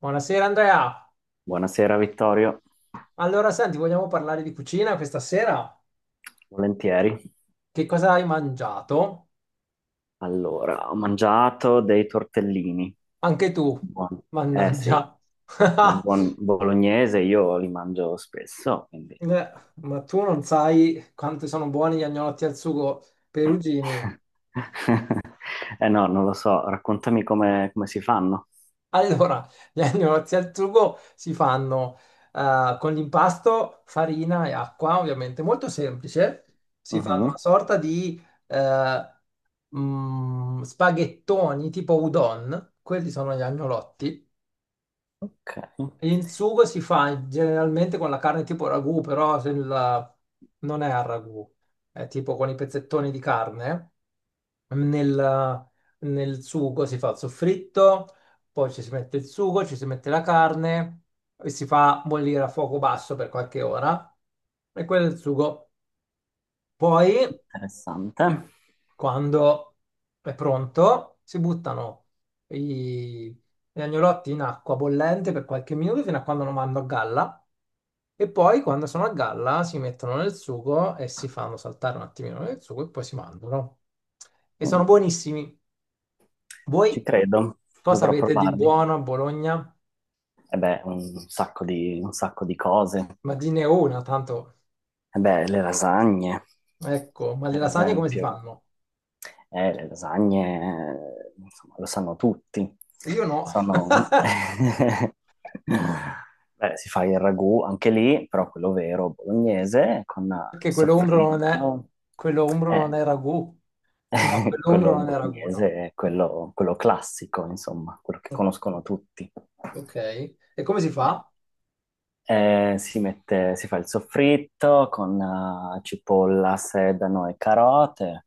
Buonasera Andrea. Buonasera Vittorio, Allora, senti, vogliamo parlare di cucina questa sera? volentieri. Che cosa hai mangiato? Allora, ho mangiato dei tortellini. Anche tu, Buoni. Eh sì, mannaggia. da buon bolognese io li mangio spesso, quindi... Ma tu non sai quanto sono buoni gli agnolotti al sugo perugini. Eh no, non lo so, raccontami come si fanno. Allora, gli agnolotti al sugo si fanno con l'impasto, farina e acqua, ovviamente, molto semplice. Si fanno una Mhm. sorta di eh, spaghettoni tipo udon, quelli sono gli agnolotti. Ok, Il sugo si fa generalmente con la carne tipo ragù, però se il- non è al ragù, è tipo con i pezzettoni di carne. Nel, nel sugo si fa il soffritto, poi ci si mette il sugo, ci si mette la carne e si fa bollire a fuoco basso per qualche ora. E quello è il sugo. Poi interessante. quando è pronto, si buttano i- gli agnolotti in acqua bollente per qualche minuto fino a quando non vanno a galla e poi quando sono a galla si mettono nel sugo e si fanno saltare un attimino nel sugo e poi si mangiano. E Mm, sono buonissimi. ci Voi credo, cosa dovrò avete di provarli. buono a Bologna? E beh, un sacco di cose. Ma di ne una, tanto, E beh, le lasagne, ecco, ma le per lasagne come si esempio. fanno? Le lasagne, insomma, lo sanno tutti. Io no. Sono... Beh, si fa il ragù anche lì, però quello vero bolognese con il Perché quello umbro non è, soffritto. quello umbro non è Eh, ragù. No, quello umbro quello non è ragù, bolognese no. è quello classico, insomma, quello che conoscono tutti. Ok. E come si Eh, fa? Si fa il soffritto con cipolla, sedano e carote.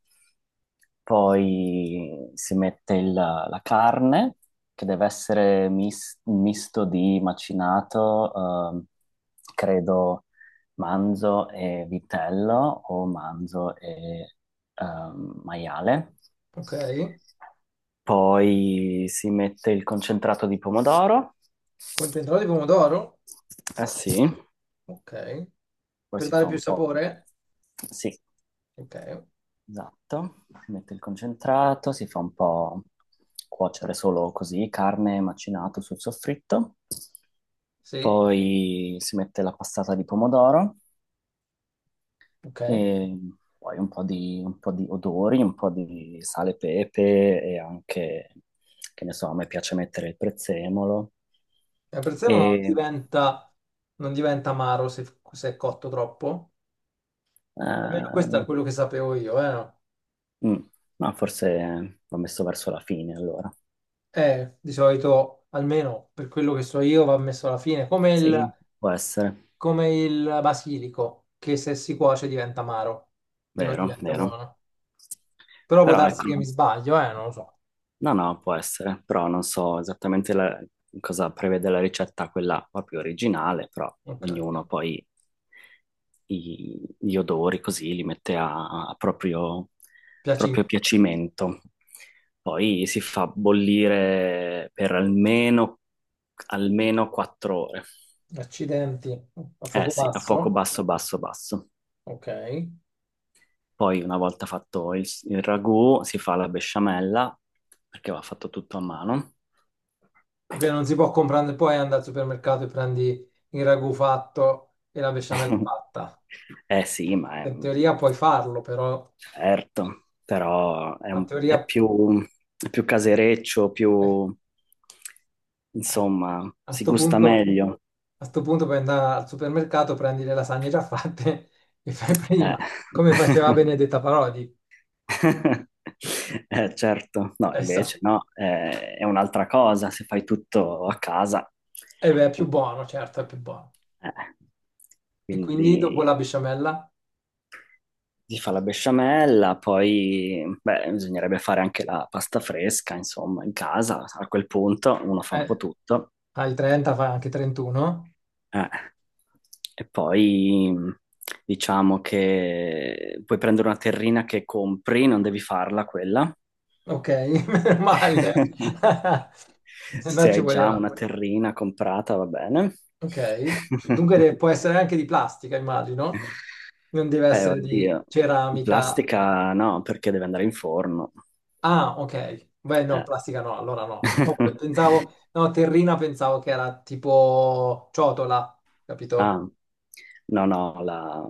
Poi si mette la carne, che deve essere un misto di macinato, ehm, credo, manzo e vitello o manzo e maiale. Ok. Poi si mette il concentrato di pomodoro. Concentrato di pomodoro? Eh sì, Ok. poi Per si dare fa più un po'. sapore? Sì. Ok. Esatto, si mette il concentrato, si fa un po' cuocere solo così, carne macinato sul soffritto, Sì. poi si mette la passata di pomodoro Ok. E e poi un po' di odori, un po' di sale e pepe e anche, che ne so, a me piace mettere il prezzemolo per sé non e... diventa, non diventa amaro se è cotto troppo. Almeno questo è ehm, quello che sapevo io, eh, no? mm, no, forse l'ho messo verso la fine allora. Di solito, almeno per quello che so io, va messo alla fine. Come il, Sì, può essere, come il basilico, che se si cuoce diventa amaro e non vero, diventa vero. buono. Però può Però darsi ecco, che mi sbaglio, non lo so. no, no, può essere, però non so esattamente cosa prevede la ricetta, quella proprio originale, però Ok. ognuno poi gli odori così li mette a proprio, proprio Piacimento. piacimento. Poi si fa bollire per almeno, almeno 4 ore. Accidenti, a Eh fuoco sì, a fuoco pazzo? basso, basso, basso. Ok. Poi una volta fatto il ragù si fa la besciamella, perché va fatto tutto a mano. Ok, non si può comprare, poi andare al supermercato e prendi il ragù fatto e la besciamella fatta. Eh sì, ma è, In teoria puoi farlo, però certo, però è, la teoria, è più casereccio, eh, più, a, insomma, a si sto gusta punto, meglio. a sto punto puoi andare al supermercato, prendi le lasagne già fatte e fai Eh. prima, come faceva Benedetta Parodi. Certo, no, So. invece no, è un'altra cosa se fai tutto a casa. Eh beh, è più buono, certo, è più buono. Eh, E quindi dopo Quindi la besciamella, si fa la besciamella, poi beh, bisognerebbe fare anche la pasta fresca, insomma, in casa. A quel punto uno fa un po' eh, tutto. al 30 fa anche 31. Eh. E poi diciamo che puoi prendere una terrina che compri, non devi farla quella. Ok, meno male. Se no Se ci hai già voleva. una terrina comprata, va bene. Ok. Dunque può essere anche di plastica, immagino. Non deve Beh, essere di oddio, ceramica. plastica no, perché deve andare in forno. Ah, ok. Beh, no, plastica no, allora Eh. no. No, pensavo, no, terrina pensavo che era tipo ciotola, capito? Ah, no, no, la...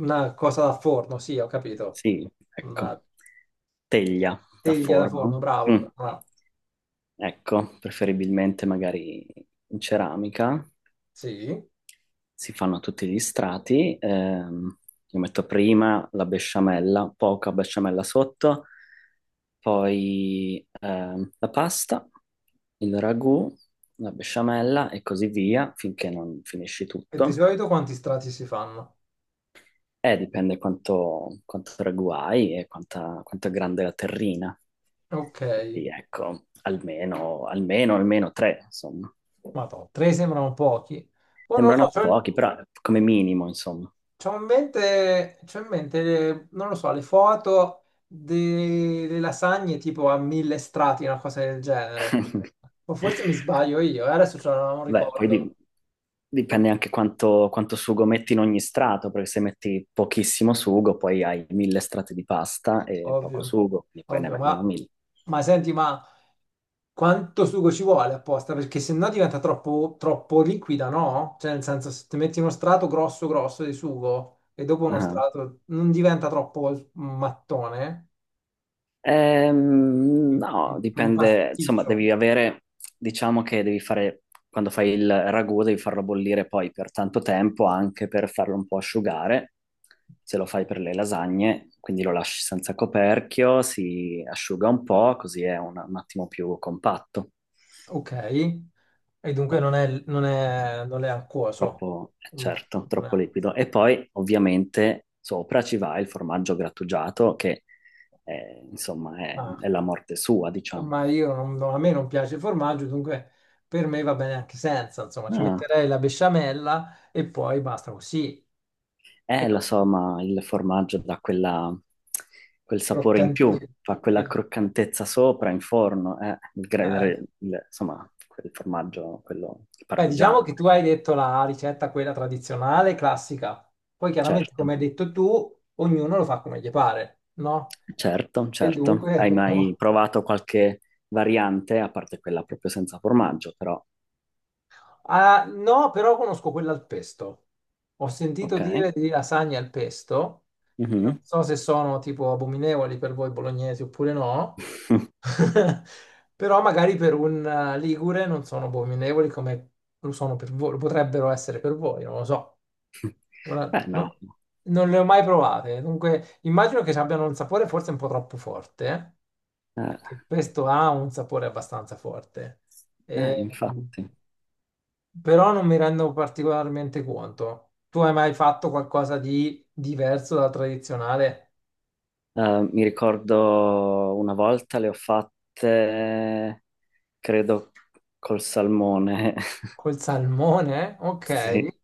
Una cosa da forno, sì, ho capito. Sì, Una ecco. Teglia da teglia da forma. forno, bravo, Mm, bravo. ecco, preferibilmente magari in ceramica. Sì. Si fanno tutti gli strati. Io metto prima la besciamella, poca besciamella sotto, poi la pasta, il ragù, la besciamella e così via, finché non finisci E di tutto. solito quanti strati si fanno? Dipende quanto ragù hai e quanto è grande la terrina. Ok. Quindi ecco, almeno tre, insomma. Madonna, tre sembrano pochi. Poi non lo so, Sembrano c'ho in, pochi, però come minimo, insomma. c'ho in mente, c'ho in mente, non lo so, le foto delle lasagne tipo a mille strati, una cosa del genere. O forse mi sbaglio io, adesso non Beh, ricordo, dipende anche quanto sugo metti in ogni strato, perché se metti pochissimo sugo, poi hai mille strati di pasta e poco ovvio, sugo, quindi poi ne ovvio, vengono ma, mille. ma senti, ma quanto sugo ci vuole apposta? Perché se no diventa troppo, troppo liquida, no? Cioè, nel senso, se ti metti uno strato grosso grosso di sugo e dopo uno Ah. strato non diventa troppo mattone? No, un un dipende, insomma, pasticcio. devi avere, diciamo che devi fare, quando fai il ragù, devi farlo bollire poi per tanto tempo, anche per farlo un po' asciugare, se lo fai per le lasagne, quindi lo lasci senza coperchio, si asciuga un po', così è un attimo più compatto, Ok, e dunque non è acquoso. troppo, No, certo, non troppo è- liquido. E poi, ovviamente, sopra ci va il formaggio grattugiato, che, insomma, ma, è la morte sua, diciamo. ma io no, a me non piace il formaggio, dunque per me va bene anche senza. Insomma, ci Ah, metterei la besciamella e poi basta così. E eh, lo vabbè, so, ma il formaggio dà quel sapore in più, croccantino. fa quella Quello- croccantezza sopra in forno, il gra- eh. Il- insomma, quel formaggio, quello il Beh, diciamo parmigiano, che tu hai detto la ricetta, quella tradizionale, classica. Poi chiaramente, certo, come hai detto tu, ognuno lo fa come gli pare, no? E certo. dunque. Hai mai provato qualche variante, a parte quella proprio senza formaggio, però, Ah, no, però conosco quella al pesto. Ho sentito ok. dire di lasagne al pesto, che non Mhm. so se sono tipo abominevoli per voi bolognesi oppure no, però magari per un ligure non sono abominevoli come lo sono per voi, lo potrebbero essere per voi, non lo so. Ora, Beh, no, non le ho mai provate, dunque immagino che abbiano un sapore forse un po' troppo forte, eh, perché il pesto ha un sapore abbastanza forte. E, infatti. però non mi rendo particolarmente conto. Tu hai mai fatto qualcosa di diverso dal tradizionale Mi ricordo una volta le ho fatte, credo, col salmone, col salmone? sì. Ok,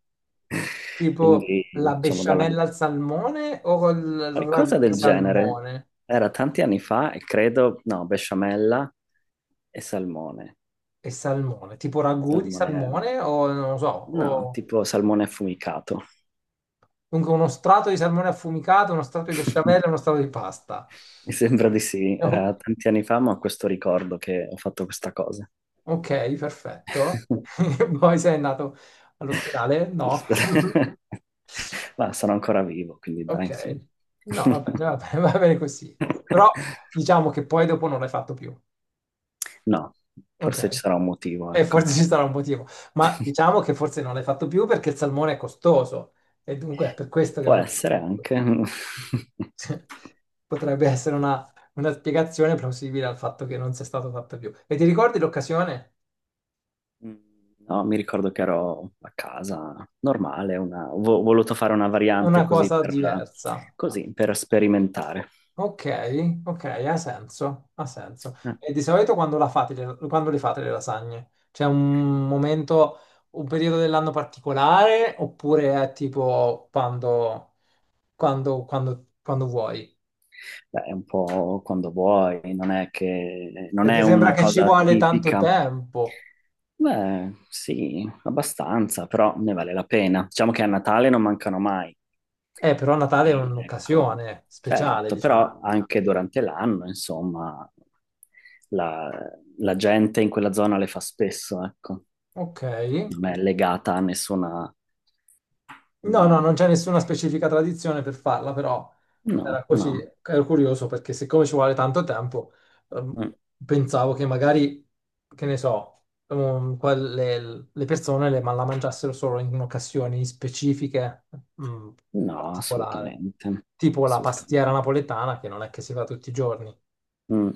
tipo Quindi, la diciamo, dalla... besciamella al salmone o col ragù qualcosa di del genere. salmone Era tanti anni fa e credo, no, besciamella e salmone. e salmone? Tipo ragù di Salmone, salmone o non lo so, no, o tipo salmone affumicato. comunque uno strato di salmone affumicato, uno strato di besciamella e uno strato di pasta. Mi sembra di sì, era O- tanti anni fa, ma ho questo ricordo che ho fatto questa cosa. Ok, perfetto. Poi sei andato all'ospedale? No. Ma sono ancora vivo, quindi dai, Ok, insomma. no, va bene, va bene così. Però diciamo che poi dopo non l'hai fatto più. No, forse ci Ok, sarà un motivo, e ecco. forse ci sarà un motivo, ma diciamo che forse non l'hai fatto più perché il salmone è costoso e dunque è per questo che Può non l'hai essere fatto più. anche. Potrebbe essere una spiegazione plausibile al fatto che non sia stato fatto più. E ti ricordi l'occasione? No, mi ricordo che ero a casa normale, una... ho voluto fare una variante Una cosa diversa. così, per sperimentare. Ok, ok, ha senso, ha senso. Eh, E di solito quando la fate, quando le fate le lasagne? C'è un momento, un periodo dell'anno particolare oppure è tipo quando vuoi? Beh, è un po' quando vuoi, non è che, non è Perché sembra una che ci cosa vuole tanto tipica. tempo. Beh, sì, abbastanza, però ne vale la pena. Diciamo che a Natale non mancano mai. Però Natale è Poi, ecco, un'occasione speciale, certo, diciamo. però anche durante l'anno, insomma, la, la gente in quella zona le fa spesso, ecco. Ok, Non è legata a nessuna... no, no, mm, non c'è nessuna specifica tradizione per farla, però no, era così, no, ero curioso perché siccome ci vuole tanto tempo, ehm, mm, pensavo che magari, che ne so, le persone ma la mangiassero solo in occasioni specifiche, mm, no, particolari, assolutamente, tipo la pastiera assolutamente. napoletana che non è che si fa tutti i giorni. Mm.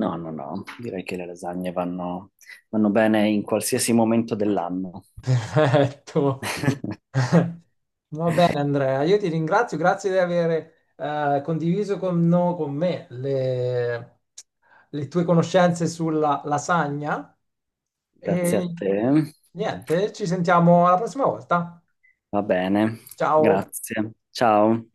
No, no, no, direi che le lasagne vanno, vanno bene in qualsiasi momento dell'anno. Perfetto. Va bene, Andrea, io ti ringrazio, grazie di aver condiviso con, no- con me le tue conoscenze sulla lasagna Grazie a e te. niente, ci sentiamo alla prossima volta. Va bene, Ciao. grazie. Ciao.